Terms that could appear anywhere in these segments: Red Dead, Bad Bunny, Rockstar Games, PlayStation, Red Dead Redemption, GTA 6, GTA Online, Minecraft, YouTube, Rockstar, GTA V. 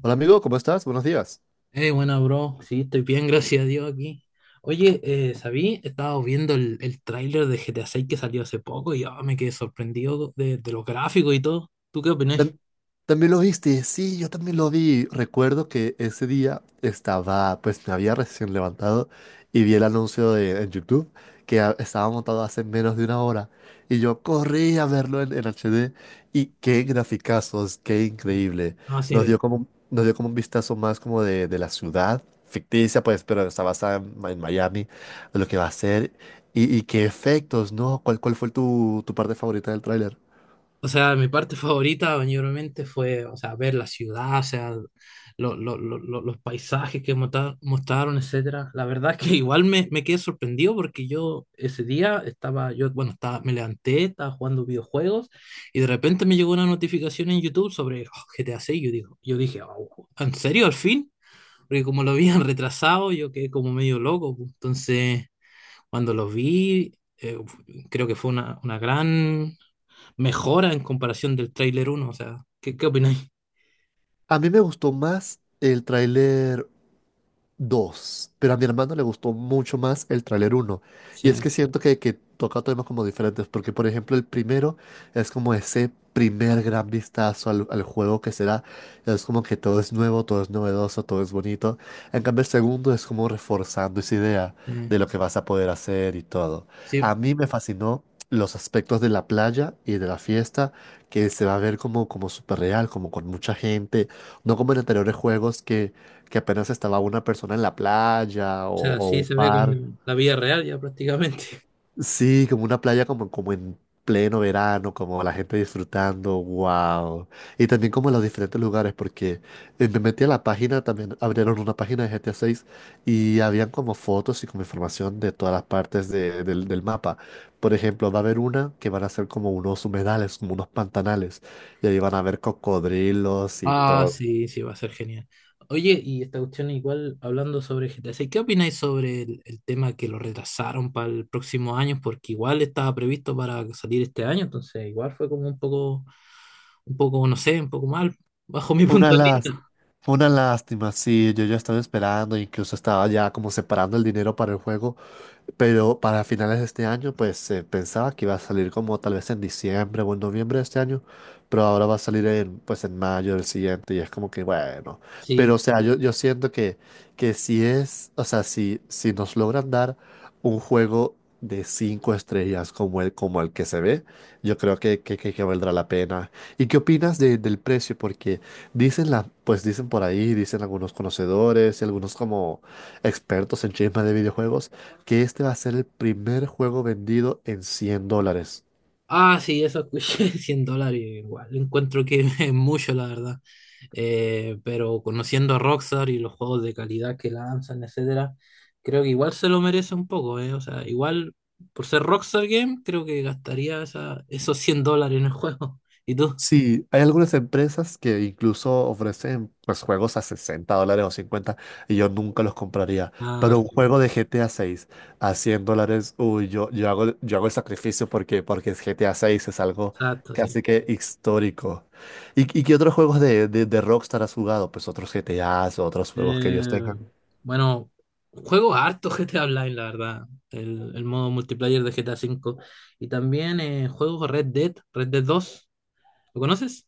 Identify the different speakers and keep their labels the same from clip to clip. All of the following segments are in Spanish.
Speaker 1: Hola amigo, ¿cómo estás? Buenos días.
Speaker 2: Buena, bro. Sí, estoy bien, gracias a Dios aquí. Oye, ¿sabí? He estado viendo el tráiler de GTA 6 que salió hace poco y me quedé sorprendido de los gráficos y todo. ¿Tú qué opinas?
Speaker 1: Tam- ¿También lo viste? Sí, yo también lo vi. Recuerdo que ese día estaba, pues me había recién levantado y vi el anuncio en YouTube que estaba montado hace menos de una hora y yo corrí a verlo en, HD y qué graficazos, qué increíble.
Speaker 2: Ah,
Speaker 1: Nos
Speaker 2: sí.
Speaker 1: dio como, un- nos dio como un vistazo más como de, la ciudad ficticia, pues, pero está basada en Miami, de lo que va a ser. Y qué efectos, ¿no? ¿Cuál fue tu parte favorita del tráiler?
Speaker 2: O sea, mi parte favorita, mayormente, fue, o sea, ver la ciudad, o sea, los paisajes que mostraron, etcétera. La verdad es que igual me quedé sorprendido porque yo ese día estaba, yo, bueno, estaba, me levanté, estaba jugando videojuegos, y de repente me llegó una notificación en YouTube sobre oh, GTA 6. Yo digo, yo dije, "Oh, ¿en serio, al fin? Porque como lo habían retrasado, yo quedé como medio loco, pues. Entonces, cuando lo vi, eh, creo que fue una gran mejora en comparación del tráiler uno. O sea, ¿qué opináis?
Speaker 1: A mí me gustó más el tráiler 2, pero a mi hermano le gustó mucho más el tráiler uno. Y es
Speaker 2: Sí,
Speaker 1: que siento que, toca temas como diferentes, porque por ejemplo el primero es como ese primer gran vistazo al juego que será, es como que todo es nuevo, todo es novedoso, todo es bonito. En cambio el segundo es como reforzando esa idea
Speaker 2: eh,
Speaker 1: de lo que vas a poder hacer y todo.
Speaker 2: sí, o
Speaker 1: A mí me fascinó los aspectos de la playa y de la fiesta, que se va a ver como, súper real, como con mucha gente, no como en anteriores juegos que apenas estaba una persona en la playa o,
Speaker 2: sea,
Speaker 1: o
Speaker 2: sí
Speaker 1: un
Speaker 2: se ve
Speaker 1: bar.
Speaker 2: como la vida real ya prácticamente.
Speaker 1: Sí, como una playa como en pleno verano, como la gente disfrutando, wow. Y también como los diferentes lugares, porque me metí a la página, también abrieron una página de GTA 6 y habían como fotos y como información de todas las partes del mapa. Por ejemplo, va a haber una que van a ser como unos humedales, como unos pantanales, y ahí van a ver cocodrilos y
Speaker 2: Ah,
Speaker 1: todo.
Speaker 2: sí, sí, va a ser genial. Oye, y esta cuestión, igual hablando sobre GTA 6, ¿qué opináis sobre el tema que lo retrasaron para el próximo año? Porque igual estaba previsto para salir este año, entonces igual fue como un poco, no sé, un poco mal, bajo mi
Speaker 1: Una
Speaker 2: punto de
Speaker 1: las,
Speaker 2: vista.
Speaker 1: fue una lástima, sí, yo ya estaba esperando, incluso estaba ya como separando el dinero para el juego. Pero para finales de este año, pues se pensaba que iba a salir como tal vez en diciembre o en noviembre de este año, pero ahora va a salir pues en mayo del siguiente y es como que bueno. Pero o
Speaker 2: Sí.
Speaker 1: sea, yo, siento que si es, o sea, si nos logran dar un juego de cinco estrellas como el, que se ve, yo creo que valdrá la pena. ¿Y qué opinas del precio? Porque pues dicen por ahí, dicen algunos conocedores y algunos como expertos en chismes de videojuegos que este va a ser el primer juego vendido en $100.
Speaker 2: Ah, sí, eso escuché, $100 igual. Encuentro que es mucho, la verdad. Pero conociendo a Rockstar y los juegos de calidad que lanzan, etcétera, creo que igual se lo merece un poco, eh. O sea, igual por ser Rockstar Game, creo que gastaría esos $100 en el juego. ¿Y tú?
Speaker 1: Sí, hay algunas empresas que incluso ofrecen pues, juegos a $60 o cincuenta, y yo nunca los compraría.
Speaker 2: Ah,
Speaker 1: Pero un
Speaker 2: sí,
Speaker 1: juego de GTA 6 a $100, uy, yo hago el sacrificio porque es GTA 6, es algo
Speaker 2: exacto, sí.
Speaker 1: casi que histórico. ¿Y qué otros juegos de Rockstar has jugado? Pues otros GTAs, otros juegos que ellos
Speaker 2: Eh,
Speaker 1: tengan.
Speaker 2: bueno, juego harto GTA Online, la verdad. El modo multiplayer de GTA V. Y también juego Red Dead dos. ¿Lo conoces?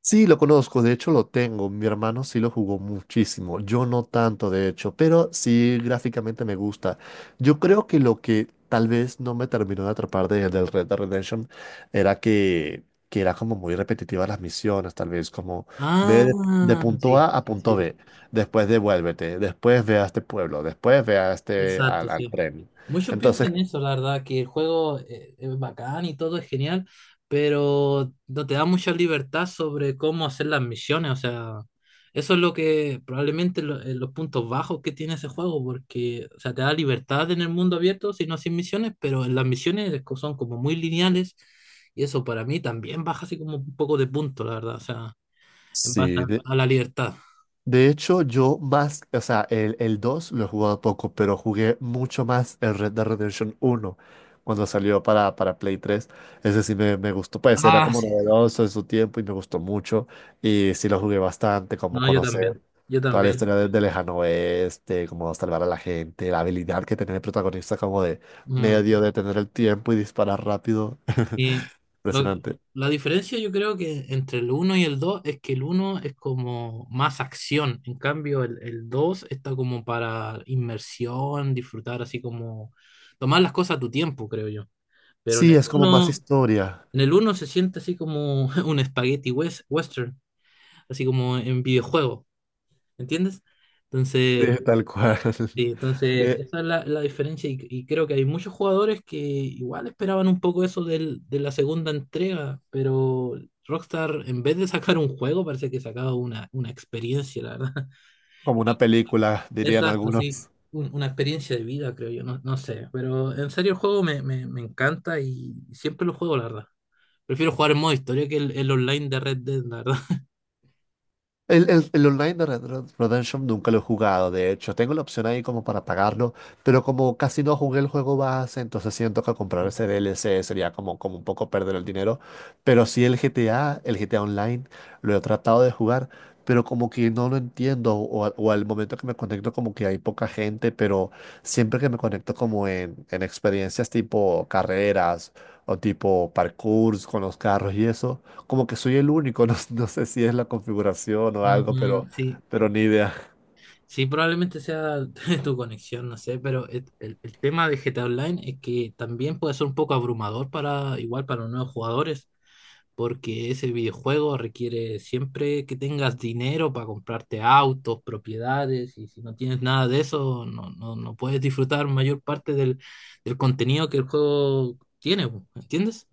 Speaker 1: Sí, lo conozco, de hecho lo tengo. Mi hermano sí lo jugó muchísimo, yo no tanto de hecho, pero sí gráficamente me gusta. Yo creo que lo que tal vez no me terminó de atrapar del Red Dead Redemption era que, era como muy repetitivas las misiones, tal vez como ve de
Speaker 2: Ah,
Speaker 1: punto
Speaker 2: sí,
Speaker 1: A a
Speaker 2: sí,
Speaker 1: punto
Speaker 2: sí,
Speaker 1: B, después devuélvete, después ve a este pueblo, después ve a este al,
Speaker 2: exacto,
Speaker 1: al
Speaker 2: sí.
Speaker 1: tren.
Speaker 2: Muchos
Speaker 1: Entonces,
Speaker 2: piensan eso, la verdad, que el juego es bacán y todo es genial, pero no te da mucha libertad sobre cómo hacer las misiones. O sea, eso es lo que probablemente los puntos bajos que tiene ese juego, porque, o sea, te da libertad en el mundo abierto, si no sin misiones, pero en las misiones es son como muy lineales, y eso para mí también baja así como un poco de punto, la verdad. O sea, en base
Speaker 1: sí.
Speaker 2: a la libertad.
Speaker 1: De hecho, yo más, o sea, el, 2 lo he jugado poco, pero jugué mucho más el Red Dead Redemption uno cuando salió para, Play 3. Ese sí me gustó, pues era
Speaker 2: Ah,
Speaker 1: como
Speaker 2: sí.
Speaker 1: novedoso en su tiempo y me gustó mucho. Y sí lo jugué bastante, como
Speaker 2: No, yo
Speaker 1: conocer
Speaker 2: también, yo
Speaker 1: toda la
Speaker 2: también.
Speaker 1: historia del lejano oeste, como salvar a la gente, la habilidad que tenía el protagonista como de
Speaker 2: Mm.
Speaker 1: medio de tener el tiempo y disparar rápido.
Speaker 2: Y lo-
Speaker 1: Impresionante.
Speaker 2: la diferencia yo creo que entre el uno y el 2 es que el uno es como más acción, en cambio el 2 está como para inmersión, disfrutar así como tomar las cosas a tu tiempo, creo yo. Pero
Speaker 1: Sí, es como más historia.
Speaker 2: en el uno se siente así como un espagueti western, así como en videojuego, ¿entiendes?
Speaker 1: Sí,
Speaker 2: Entonces.
Speaker 1: tal cual.
Speaker 2: Sí, entonces
Speaker 1: De,
Speaker 2: esa es la diferencia, y creo que hay muchos jugadores que igual esperaban un poco eso de la segunda entrega, pero Rockstar en vez de sacar un juego parece que sacaba una experiencia, la verdad.
Speaker 1: Como una película, dirían
Speaker 2: Exacto, sí,
Speaker 1: algunos.
Speaker 2: una experiencia de vida creo yo, no, no sé, pero en serio el juego me encanta y siempre lo juego, la verdad. Prefiero jugar en modo historia que el online de Red Dead, la verdad.
Speaker 1: El Online de Red Dead Redemption nunca lo he jugado, de hecho. Tengo la opción ahí como para pagarlo, pero como casi no jugué el juego base, entonces siento que comprar ese DLC sería como, un poco perder el dinero. Pero sí el GTA Online, lo he tratado de jugar, pero como que no lo entiendo, o al momento que me conecto como que hay poca gente, pero siempre que me conecto como en, experiencias tipo carreras o tipo parkour con los carros y eso. Como que soy el único, no, no sé si es la configuración o
Speaker 2: Mm,
Speaker 1: algo,
Speaker 2: mm,
Speaker 1: pero,
Speaker 2: sí.
Speaker 1: pero ni idea.
Speaker 2: Sí, probablemente sea tu conexión, no sé, pero el tema de GTA Online es que también puede ser un poco abrumador para, igual para los nuevos jugadores, porque ese videojuego requiere siempre que tengas dinero para comprarte autos, propiedades, y si no tienes nada de eso, no puedes disfrutar mayor parte del contenido que el juego tiene, po, ¿entiendes?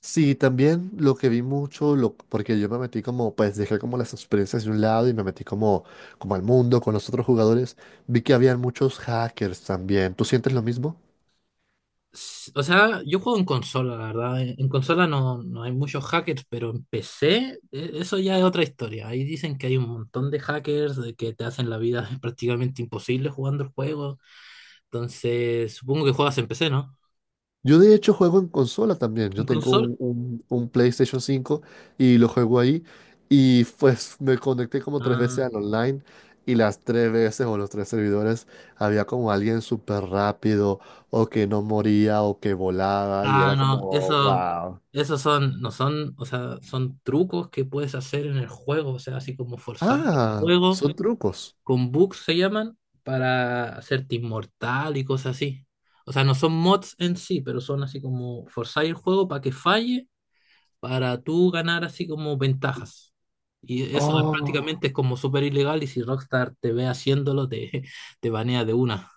Speaker 1: Sí, también lo que vi mucho, porque yo me metí como, pues dejé como las experiencias de un lado y me metí como, como al mundo con los otros jugadores, vi que habían muchos hackers también. ¿Tú sientes lo mismo?
Speaker 2: O sea, yo juego en consola, la verdad. En consola no hay muchos hackers, pero en PC eso ya es otra historia. Ahí dicen que hay un montón de hackers de que te hacen la vida prácticamente imposible jugando el juego. Entonces, supongo que juegas en PC, ¿no?
Speaker 1: Yo de hecho juego en consola también. Yo
Speaker 2: ¿En
Speaker 1: tengo
Speaker 2: consola?
Speaker 1: un PlayStation 5 y lo juego ahí. Y pues me conecté como tres
Speaker 2: Ah,
Speaker 1: veces al online y las tres veces o los tres servidores había como alguien súper rápido o que no moría o que volaba y
Speaker 2: ah,
Speaker 1: era
Speaker 2: no,
Speaker 1: como,
Speaker 2: eso,
Speaker 1: wow.
Speaker 2: esos son, no son, o sea, son trucos que puedes hacer en el juego, o sea, así como forzar el
Speaker 1: Ah,
Speaker 2: juego
Speaker 1: son trucos.
Speaker 2: con bugs se llaman, para hacerte inmortal y cosas así. O sea, no son mods en sí, pero son así como forzar el juego para que falle, para tú ganar así como ventajas. Y eso es
Speaker 1: Oh.
Speaker 2: prácticamente es como súper ilegal, y si Rockstar te ve haciéndolo, te, te banea de una.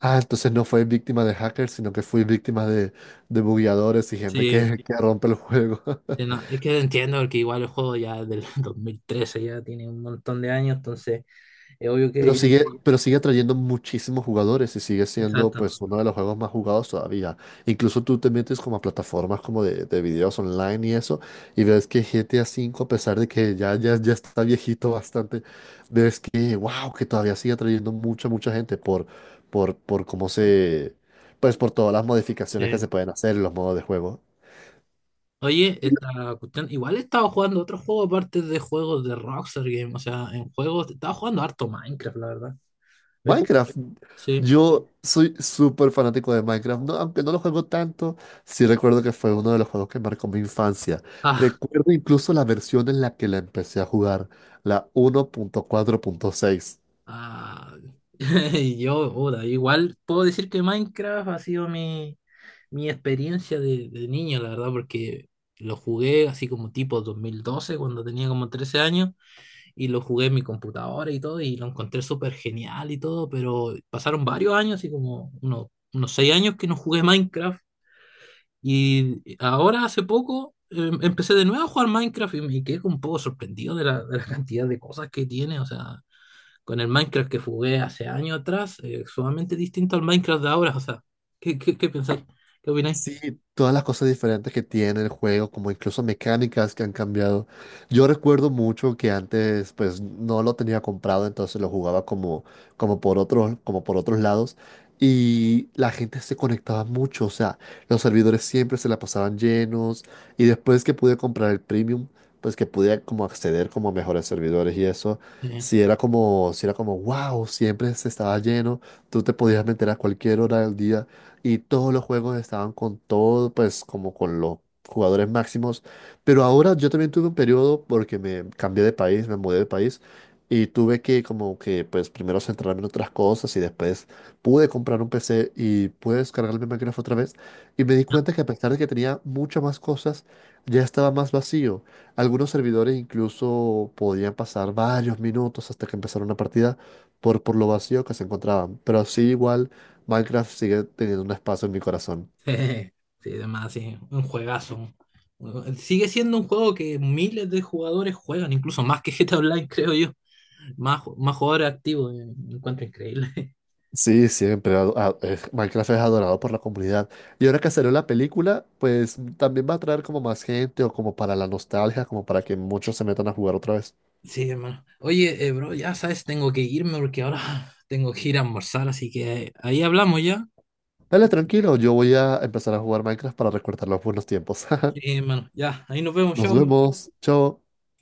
Speaker 1: Ah, entonces no fue víctima de hackers, sino que fui víctima de bugueadores y gente
Speaker 2: Sí,
Speaker 1: que, rompe el juego.
Speaker 2: sí, no, es que entiendo porque igual el juego ya es del 2013, ya tiene un montón de años, entonces es obvio que
Speaker 1: Pero
Speaker 2: ya...
Speaker 1: sigue, pero sigue atrayendo muchísimos jugadores y sigue siendo
Speaker 2: Exacto.
Speaker 1: pues uno de los juegos más jugados todavía. Incluso tú te metes como a plataformas como de videos online y eso, y ves que GTA V, a cinco, a pesar de que ya, ya, ya está viejito bastante, ves que, wow, que todavía sigue atrayendo mucha, mucha gente por pues por todas las modificaciones que
Speaker 2: Sí.
Speaker 1: se pueden hacer en los modos de juego.
Speaker 2: Oye, esta cuestión, igual he estado jugando otro juego aparte de juegos de Rockstar Games, o sea, en juegos, estaba jugando harto Minecraft, la verdad. Hoy ju-
Speaker 1: Minecraft.
Speaker 2: Sí.
Speaker 1: Yo soy súper fanático de Minecraft, aunque no lo juego tanto, sí recuerdo que fue uno de los juegos que marcó mi infancia.
Speaker 2: Ah,
Speaker 1: Recuerdo incluso la versión en la que la empecé a jugar, la uno punto cuatro punto seis.
Speaker 2: ah. Y yo, puta, igual puedo decir que Minecraft ha sido mi experiencia de niño, la verdad, porque lo jugué así como tipo 2012, cuando tenía como 13 años, y lo jugué en mi computadora y todo, y lo encontré súper genial y todo, pero pasaron varios años, así como unos, 6 años que no jugué Minecraft. Y ahora, hace poco, empecé de nuevo a jugar Minecraft y me quedé un poco sorprendido de la cantidad de cosas que tiene. O sea, con el Minecraft que jugué hace años atrás, sumamente distinto al Minecraft de ahora. O sea, ¿qué pensáis? ¿Qué opináis?
Speaker 1: Sí, todas las cosas diferentes que tiene el juego, como incluso mecánicas que han cambiado. Yo recuerdo mucho que antes pues no lo tenía comprado, entonces lo jugaba como por otros lados. Y la gente se conectaba mucho, o sea, los servidores siempre se la pasaban llenos. Y después que pude comprar el premium, pues que pude como acceder como a mejores servidores y eso, sí era como, wow, siempre se estaba lleno. Tú te podías meter a cualquier hora del día y todos los juegos estaban con todo, pues como con los jugadores máximos. Pero ahora yo también tuve un periodo porque me cambié de país, me mudé de país y tuve que como que pues primero centrarme en otras cosas y después pude comprar un PC y pude descargarme Minecraft otra vez y me di cuenta que a pesar de que tenía muchas más cosas, ya estaba más vacío. Algunos servidores incluso podían pasar varios minutos hasta que empezara una partida por lo vacío que se encontraban. Pero así igual Minecraft sigue teniendo un espacio en mi corazón.
Speaker 2: Eh, Sí, además, sí, un juegazo. Sigue siendo un juego que miles de jugadores juegan, incluso más que GTA Online, creo yo. Más jugadores activos, me encuentro increíble.
Speaker 1: Sí, siempre. Minecraft es adorado por la comunidad. Y ahora que salió la película, pues también va a traer como más gente o como para la nostalgia, como para que muchos se metan a jugar otra vez.
Speaker 2: Sí, hermano. Oye, bro, ya sabes, tengo que irme porque ahora tengo que ir a almorzar, así que ahí hablamos ya.
Speaker 1: Dale, tranquilo, yo voy a empezar a jugar Minecraft para recordar los buenos tiempos.
Speaker 2: Sí, hermano, ya, ahí nos vemos,
Speaker 1: Nos
Speaker 2: chao.
Speaker 1: vemos. Chao.